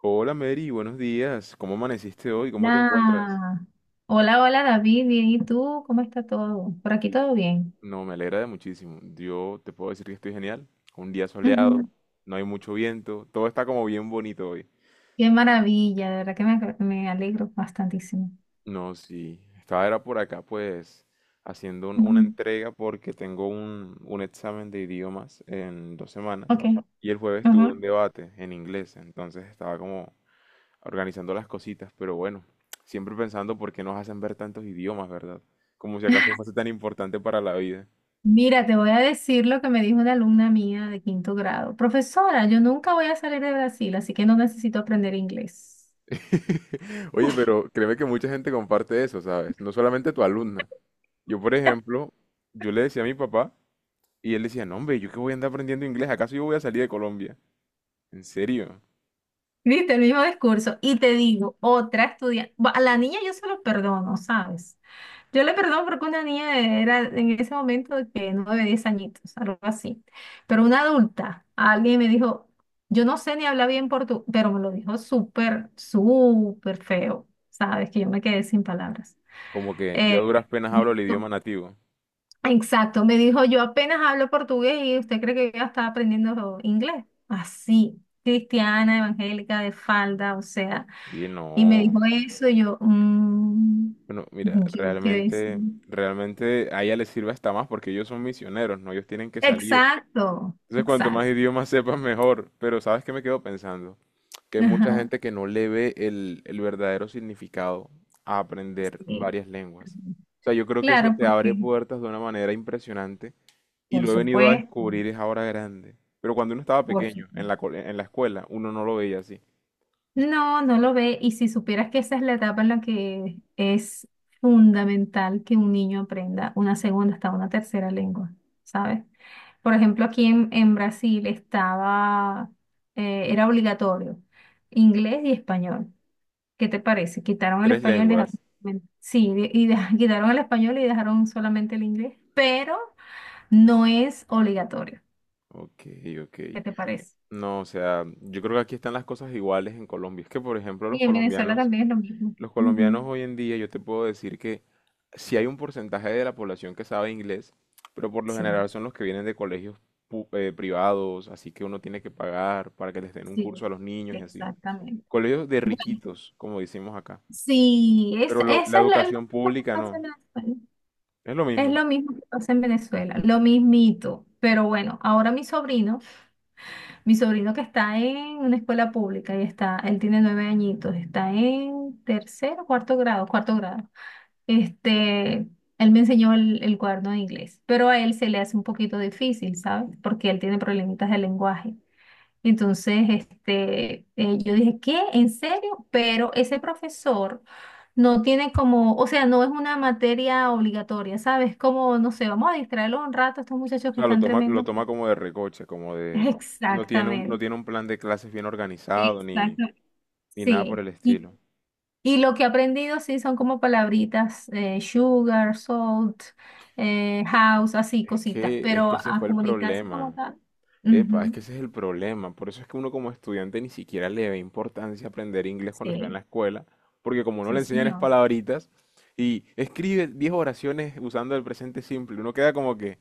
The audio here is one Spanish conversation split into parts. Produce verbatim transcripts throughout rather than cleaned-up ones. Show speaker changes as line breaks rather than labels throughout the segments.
Hola Mary, buenos días. ¿Cómo amaneciste hoy? ¿Cómo te encuentras?
Hola, hola, hola David, bien, ¿y tú? ¿Cómo está todo? Por aquí todo bien.
No, me alegra de muchísimo. Yo te puedo decir que estoy genial. Un día soleado,
Ujú.
no hay mucho viento, todo está como bien bonito hoy.
Qué maravilla, de verdad que me, me alegro bastantísimo.
No, sí. Estaba era por acá pues haciendo un- una
Ujú.
entrega porque tengo un, un examen de idiomas en dos semanas,
Ok,
y el jueves tuve
ajá.
un debate en inglés, entonces estaba como organizando las cositas, pero bueno, siempre pensando por qué nos hacen ver tantos idiomas, ¿verdad? Como si acaso fuese tan importante para la vida.
Mira, te voy a decir lo que me dijo una alumna mía de quinto grado. Profesora, yo nunca voy a salir de Brasil, así que no necesito aprender inglés.
Oye, pero créeme que mucha gente comparte eso, ¿sabes? No solamente tu alumna. Yo, por ejemplo, yo le decía a mi papá, y él decía, no, hombre, ¿yo qué voy a andar aprendiendo inglés? ¿Acaso yo voy a salir de Colombia? ¿En serio?
Viste, el mismo discurso. Y te digo, otra estudiante, a la niña yo se lo perdono, ¿sabes? Yo le perdono porque una niña era en ese momento de que nueve, diez añitos, algo así. Pero una adulta, alguien me dijo, yo no sé ni hablar bien portugués, pero me lo dijo súper, súper feo, ¿sabes? Que yo me quedé sin palabras.
Como que yo a
Eh,
duras penas hablo el idioma nativo.
exacto, me dijo, yo apenas hablo portugués y usted cree que yo ya estaba aprendiendo inglés. Así, cristiana, evangélica, de falda, o sea.
Y él,
Y me dijo
no.
eso y yo, "Mm,
Bueno, mira,
yo quedé
realmente,
así".
realmente a ella les sirve hasta más porque ellos son misioneros, ¿no? Ellos tienen que salir.
Exacto,
Entonces, cuanto más
exacto.
idiomas sepas, mejor. Pero ¿sabes qué me quedo pensando? Que hay mucha
Ajá,
gente que no le ve el, el verdadero significado a aprender
sí.
varias lenguas. O sea, yo creo que eso
Claro,
te abre
porque,
puertas de una manera impresionante, y
por
lo he venido a
supuesto,
descubrir es ahora grande. Pero cuando uno estaba
por
pequeño, en
supuesto.
la, co- en la escuela, uno no lo veía así.
No, no lo ve. Y si supieras que esa es la etapa en la que es fundamental que un niño aprenda una segunda hasta una tercera lengua, ¿sabes? Por ejemplo, aquí en, en Brasil estaba, eh, era obligatorio inglés y español. ¿Qué te parece? Quitaron el
Tres
español y
lenguas.
dejaron, sí, de- y de- quitaron el español y dejaron solamente el inglés, pero No es obligatorio.
Ok, ok.
¿Qué te parece?
No, o sea, yo creo que aquí están las cosas iguales en Colombia. Es que, por ejemplo, los
Y en Venezuela
colombianos
también es lo mismo.
los colombianos
Ujú.
hoy en día, yo te puedo decir que si hay un porcentaje de la población que sabe inglés, pero por lo
Sí.
general son los que vienen de colegios pu- eh, privados, así que uno tiene que pagar para que les den un
Sí,
curso a los niños y así.
exactamente.
Colegios de
Bueno,
riquitos, como decimos acá.
sí, es,
Pero lo- la
eso es lo, es lo
educación
mismo que
pública
pasa
no,
en Venezuela.
es lo
Es
mismo.
lo mismo que pasa en Venezuela, lo mismito. Pero bueno, ahora mi sobrino, mi sobrino que está en una escuela pública y está, él tiene nueve añitos, está en tercer cuarto grado, cuarto grado. Este, él me enseñó el, el cuaderno de inglés, pero a él se le hace un poquito difícil, ¿sabes? Porque él tiene problemitas de lenguaje. Entonces, este, eh, yo dije, ¿qué? ¿En serio? Pero ese profesor no tiene como, o sea, no es una materia obligatoria, ¿sabes? Como, no sé, vamos a distraerlos un rato, estos
O
muchachos que
sea, lo
están
toma, lo
tremendos.
toma como de recoche, como de... No tiene un, no
Exactamente,
tiene un plan de clases bien organizado, ni,
exactamente.
ni nada por
Sí.
el
Y
estilo.
Y lo que he aprendido, sí, son como palabritas, eh, sugar, salt, eh, house, así,
Es
cositas,
que, es que
pero
ese
a
fue el
comunicarse como
problema.
tal.
Epa, es
Ujú,
que ese es el problema. Por eso es que uno como estudiante ni siquiera le ve importancia aprender inglés cuando está en
Sí,
la escuela, porque como no
sí,
le enseñan es
señor.
palabritas y escribe diez oraciones usando el presente simple, uno queda como que,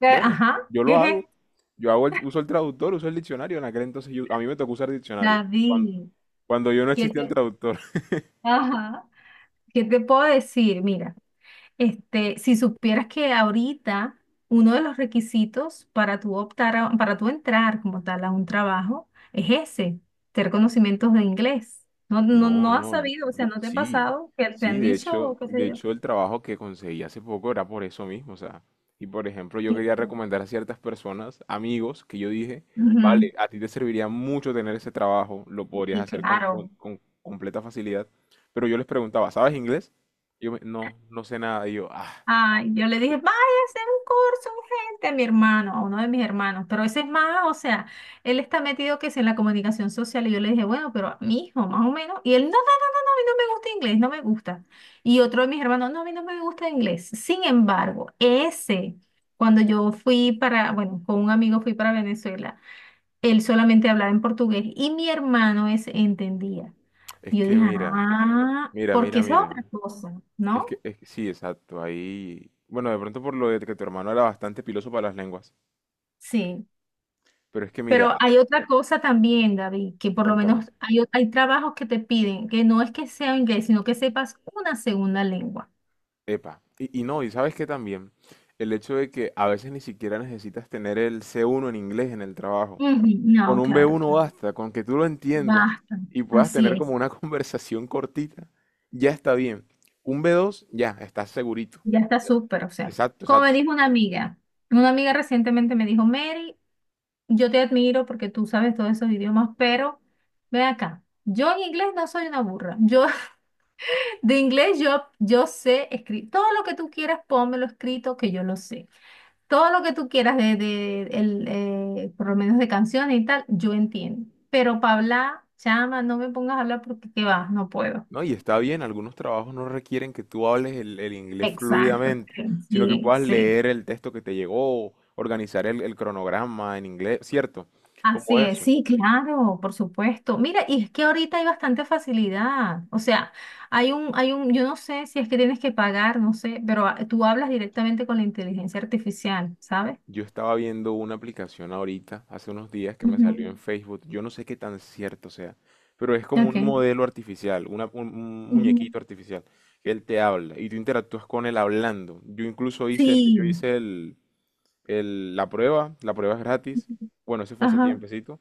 Eh,
bueno,
Ajá,
yo
¿qué
lo
es
hago,
esto?
yo hago el- uso el traductor, uso el diccionario. En aquel entonces yo- a mí me tocó usar diccionario, cuando,
David,
cuando yo no
¿qué
existía el
te,
traductor.
ajá, ¿qué te puedo decir? Mira. Este, si supieras que ahorita uno de los requisitos para tú optar a- para tú entrar como tal a un trabajo es ese, tener conocimientos de inglés. No, no,
No,
no has
no, yo-
sabido, o sea,
yo-
no te ha
sí,
pasado que te
sí,
han
de
dicho
hecho,
o qué
de
sé yo.
hecho el trabajo que conseguí hace poco era por eso mismo, o sea, y por ejemplo yo
Sí,
quería
sí.
recomendar a ciertas personas, amigos, que yo dije,
Ujú,
vale, a ti te serviría mucho tener ese trabajo, lo podrías
sí,
hacer con, con-
claro.
con completa facilidad, pero yo les preguntaba, ¿sabes inglés? Yo me- no, no sé nada, y yo, ah,
Ay, yo le dije, vaya a hacer un curso urgente a mi hermano, a uno de mis hermanos, pero ese es más, o sea, él está metido que es en la comunicación social y yo le dije, bueno, pero mi hijo, más o menos, y él no. mí no me gusta inglés, no me gusta. Y otro de mis hermanos, no, a mí no me gusta inglés. Sin embargo, ese, cuando yo fui para, bueno, con un amigo fui para Venezuela, él solamente hablaba en portugués y mi hermano ese entendía.
es
Y yo
que
dije,
mira,
ah,
mira,
porque
mira,
esa es
mira,
otra cosa,
es
¿no?
que, es que sí, exacto, ahí, bueno, de pronto por lo de que tu hermano era bastante piloso para las lenguas,
Sí.
pero es que mira,
Pero
ah,
hay otra cosa también, David, que por lo
cuéntame.
menos hay, o- hay trabajos que te piden que no es que sea inglés, sino que sepas una segunda lengua.
Epa, y, y no, y sabes que también el hecho de que a veces ni siquiera necesitas tener el C uno en inglés en el trabajo.
Ujú,
Con
No,
un
claro,
B uno
claro.
basta, con que tú lo entiendas
Basta.
y puedas
Así
tener como
es.
una conversación cortita, ya está bien. Un B dos, ya, estás segurito.
Ya está súper, o sea,
Exacto,
como me
exacto.
dijo una amiga, una amiga recientemente me dijo, Mary, yo te admiro porque tú sabes todos esos idiomas, pero ven acá, yo en inglés no soy una burra, yo de inglés yo, yo sé escribir, todo lo que tú quieras, pónmelo escrito que yo lo sé, todo lo que tú quieras de, de el, eh, por lo menos de canciones y tal, yo entiendo, pero para hablar, chama, no me pongas a hablar porque qué va, no puedo.
No, y está bien, algunos trabajos no requieren que tú hables el, el inglés
Exacto,
fluidamente, sino que
sí,
puedas
sí.
leer el texto que te llegó, organizar el, el cronograma en inglés, ¿cierto? Como
Así es,
eso.
sí, claro, por supuesto. Mira, y es que ahorita hay bastante facilidad. O sea, hay un, hay un, yo no sé si es que tienes que pagar, no sé, pero ah, tú hablas directamente con la inteligencia artificial, ¿sabes?
Yo estaba viendo una aplicación ahorita, hace unos días, que me salió
Ujú.
en Facebook. Yo no sé qué tan cierto sea, pero es como un
Ok.
modelo artificial, una- un, un
Ujú.
muñequito artificial, que él te habla y tú interactúas con él hablando. Yo incluso hice, el- yo
Sí.
hice el, el- la prueba. La prueba es gratis.
Ujú.
Bueno, eso fue hace
Ajá,
tiempecito.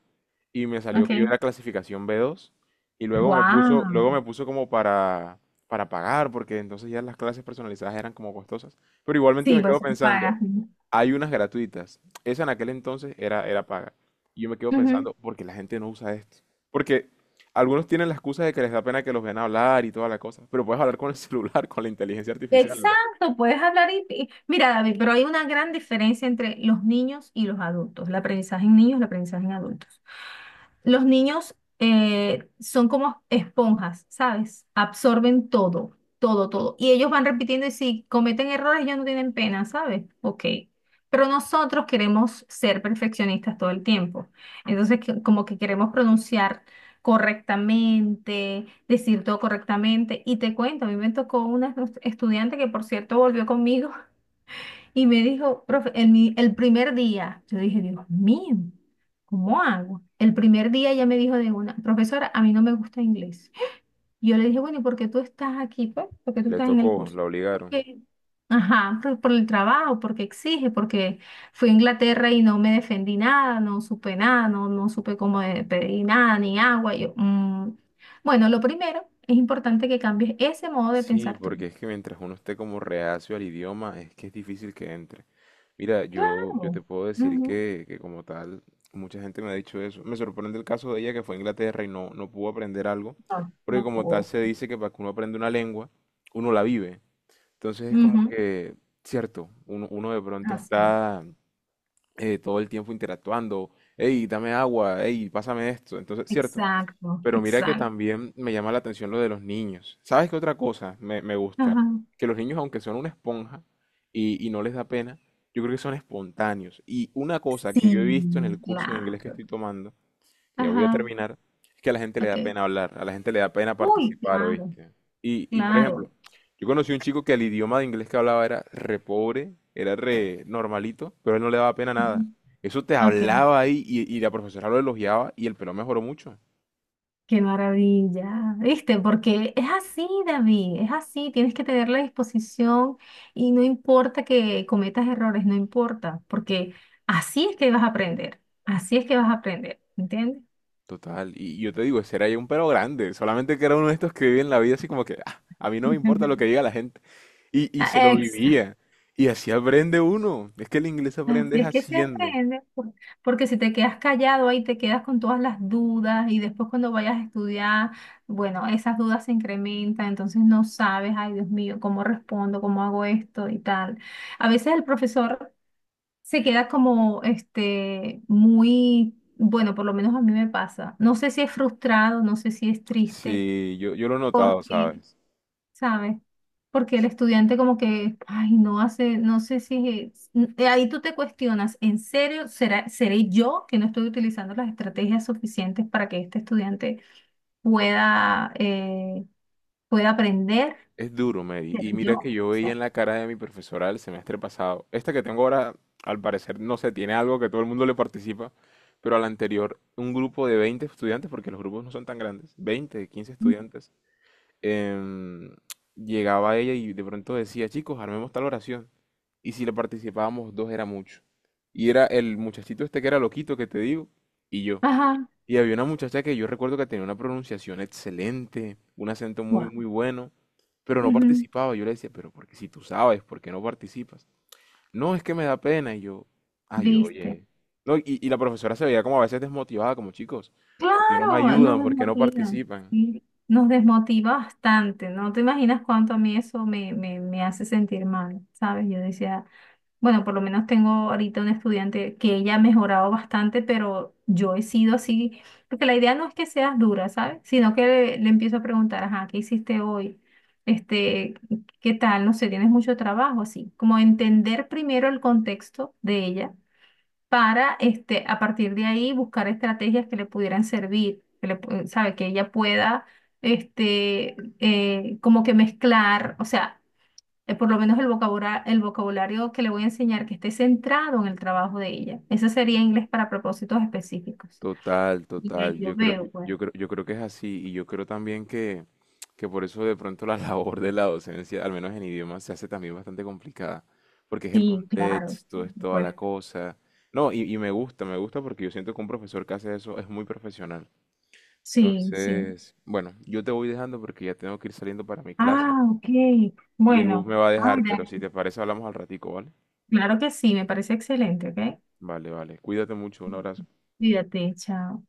Y me salió que yo
ok.
era clasificación B dos. Y luego me puso,
Wow.
luego me puso como para, para pagar, porque entonces ya las clases personalizadas eran como costosas. Pero igualmente
Sí,
me quedo
pues
pensando,
pagas, ¿no?
hay unas gratuitas. Esa en aquel entonces era, era paga. Y yo me quedo
Ujú.
pensando, ¿por qué la gente no usa esto? Porque algunos tienen la excusa de que les da pena que los vean hablar y toda la cosa. Pero puedes hablar con el celular, con la inteligencia artificial, ¿no?
Exacto, puedes hablar y, y- mira, David, pero hay una gran diferencia entre los niños y los adultos, el aprendizaje en niños, el aprendizaje en adultos. Los niños eh, son como esponjas, ¿sabes? Absorben todo, todo, todo. Y ellos van repitiendo y si cometen errores, ellos no tienen pena, ¿sabes? Ok. Pero nosotros queremos ser perfeccionistas todo el tiempo. Entonces, que- como que queremos pronunciar correctamente, decir todo correctamente. Y te cuento, a mí me tocó una estu- estudiante que por cierto volvió conmigo y me dijo, profe, el, mi- el primer día, yo dije, Dios mío, ¿cómo hago? El primer día ella me dijo de una, profesora, a mí no me gusta inglés. Y yo le dije, bueno, ¿y por qué tú estás aquí, pues? ¿Por qué tú
Le
estás en el
tocó,
curso?
la obligaron.
Porque, ajá, por, por el trabajo, porque exige, porque fui a Inglaterra y no me defendí nada, no supe nada, no, no supe cómo de- pedir nada, ni agua. Y yo, "Mm". Bueno, lo primero es importante que cambies ese modo de
Sí,
pensar tú.
porque es que mientras uno esté como reacio al idioma, es que es difícil que entre. Mira, yo, yo te
Claro.
puedo decir
Ujú.
que, que, como tal, mucha gente me ha dicho eso. Me sorprende el caso de ella que fue a Inglaterra y no, no pudo aprender algo,
No,
porque
no
como tal
puedo.
se dice que para que uno aprenda una lengua, uno la vive. Entonces es como
Ujú.
que, cierto, uno, uno de pronto
Así.
está eh, todo el tiempo interactuando, hey, dame agua, hey, pásame esto. Entonces, cierto,
Exacto,
pero mira que
exacto.
también me llama la atención lo de los niños. ¿Sabes qué otra cosa me, me gusta?
Ajá,
Que los niños, aunque son una esponja y, y no les da pena, yo creo que son espontáneos. Y una cosa que yo
Sí,
he visto en el curso de inglés que
claro.
estoy tomando, que ya voy a
ajá,
terminar, es que a la gente le da
ok.
pena hablar, a la gente le da pena
Uy,
participar,
Claro.
¿oíste? Y, y por ejemplo,
Claro.
yo conocí un chico que el idioma de inglés que hablaba era re pobre, era re normalito, pero a él no le daba pena nada.
Ujú.
Eso te
Ok,
hablaba ahí, y, y la profesora lo elogiaba, y el pelo mejoró mucho.
qué maravilla. ¿Viste? Porque es así, David, es así. Tienes que tener la disposición y no importa que cometas errores, no importa, porque así es que vas a aprender. Así es que vas a aprender, ¿entiendes?
Total, y yo te digo, ese era ya un pero grande, solamente que era uno de estos que viven la vida así como que, "Ah, a mí no me importa lo que diga la gente". Y, y se lo
Exacto.
vivía. Y así aprende uno. Es que el inglés
Así
aprendes
es que se
haciendo.
aprende, por- porque si te quedas callado ahí te quedas con todas las dudas y después cuando vayas a estudiar, bueno, esas dudas se incrementan, entonces no sabes, ay Dios mío, cómo respondo, cómo hago esto y tal. A veces el profesor se queda como, este, muy, bueno, por lo menos a mí me pasa. No sé si es frustrado, no sé si es triste.
Sí, yo, yo lo he notado,
Porque
¿sabes?
¿sabes? Porque el estudiante como que, ay, no hace, no sé si, es- eh, ahí tú te cuestionas, ¿en serio será, seré yo que no estoy utilizando las estrategias suficientes para que este estudiante pueda, eh, pueda aprender?
Es duro, Mary.
¿Seré
Y mira que
yo?
yo
O
veía
sea,
en la cara de mi profesora el semestre pasado. Esta que tengo ahora, al parecer, no sé, tiene algo que todo el mundo le participa. Pero al anterior, un grupo de veinte estudiantes, porque los grupos no son tan grandes, veinte, quince estudiantes, em, llegaba ella y de pronto decía, chicos, armemos tal oración. Y si le participábamos dos era mucho. Y era el muchachito este que era loquito que te digo, y yo.
ajá,
Y había una muchacha que yo recuerdo que tenía una pronunciación excelente, un acento muy,
wow,
muy bueno, pero no
ujú,
participaba. Yo le decía, pero porque si tú sabes, ¿por qué no participas? No, es que me da pena. Y yo, ay,
viste.
oye. No, y, y la profesora se veía como a veces desmotivada, como chicos, ¿por qué no me
Claro, nos
ayudan? ¿Por qué no
desmotiva,
participan?
sí, nos desmotiva bastante, no te imaginas cuánto a mí eso me, me, me hace sentir mal, ¿sabes? Yo decía... Bueno, por lo menos tengo ahorita una estudiante que ella ha mejorado bastante, pero yo he sido así, porque la idea no es que seas dura, ¿sabes? Sino que le, le empiezo a preguntar, ajá, ¿qué hiciste hoy? Este, ¿qué tal? No sé, tienes mucho trabajo, así. Como entender primero el contexto de ella para, este, a partir de ahí buscar estrategias que le pudieran servir, que le, pu- ¿sabe? Que ella pueda, este, eh, como que mezclar, o sea eh, por lo menos el vocabulario, el vocabulario que le voy a enseñar que esté centrado en el trabajo de ella. Ese sería inglés para propósitos específicos.
Total,
Y ahí
total.
yo
Yo creo, yo
veo, pues.
yo creo, yo creo que es así. Y yo creo también que, que, por eso de pronto la labor de la docencia, al menos en idiomas, se hace también bastante complicada. Porque es el
Sí, claro,
contexto,
por
es toda la
supuesto.
cosa. No, y, y me gusta, me gusta porque yo siento que un profesor que hace eso es muy profesional.
Sí, sí.
Entonces, bueno, yo te voy dejando porque ya tengo que ir saliendo para mi clase.
Ah, ok.
Y el bus
Bueno,
me va a
ay,
dejar, pero si
Dani,
te parece hablamos al ratico, ¿vale?
claro que sí, me parece excelente, ¿ok?
Vale, vale. Cuídate mucho, un abrazo.
Cuídate, chao.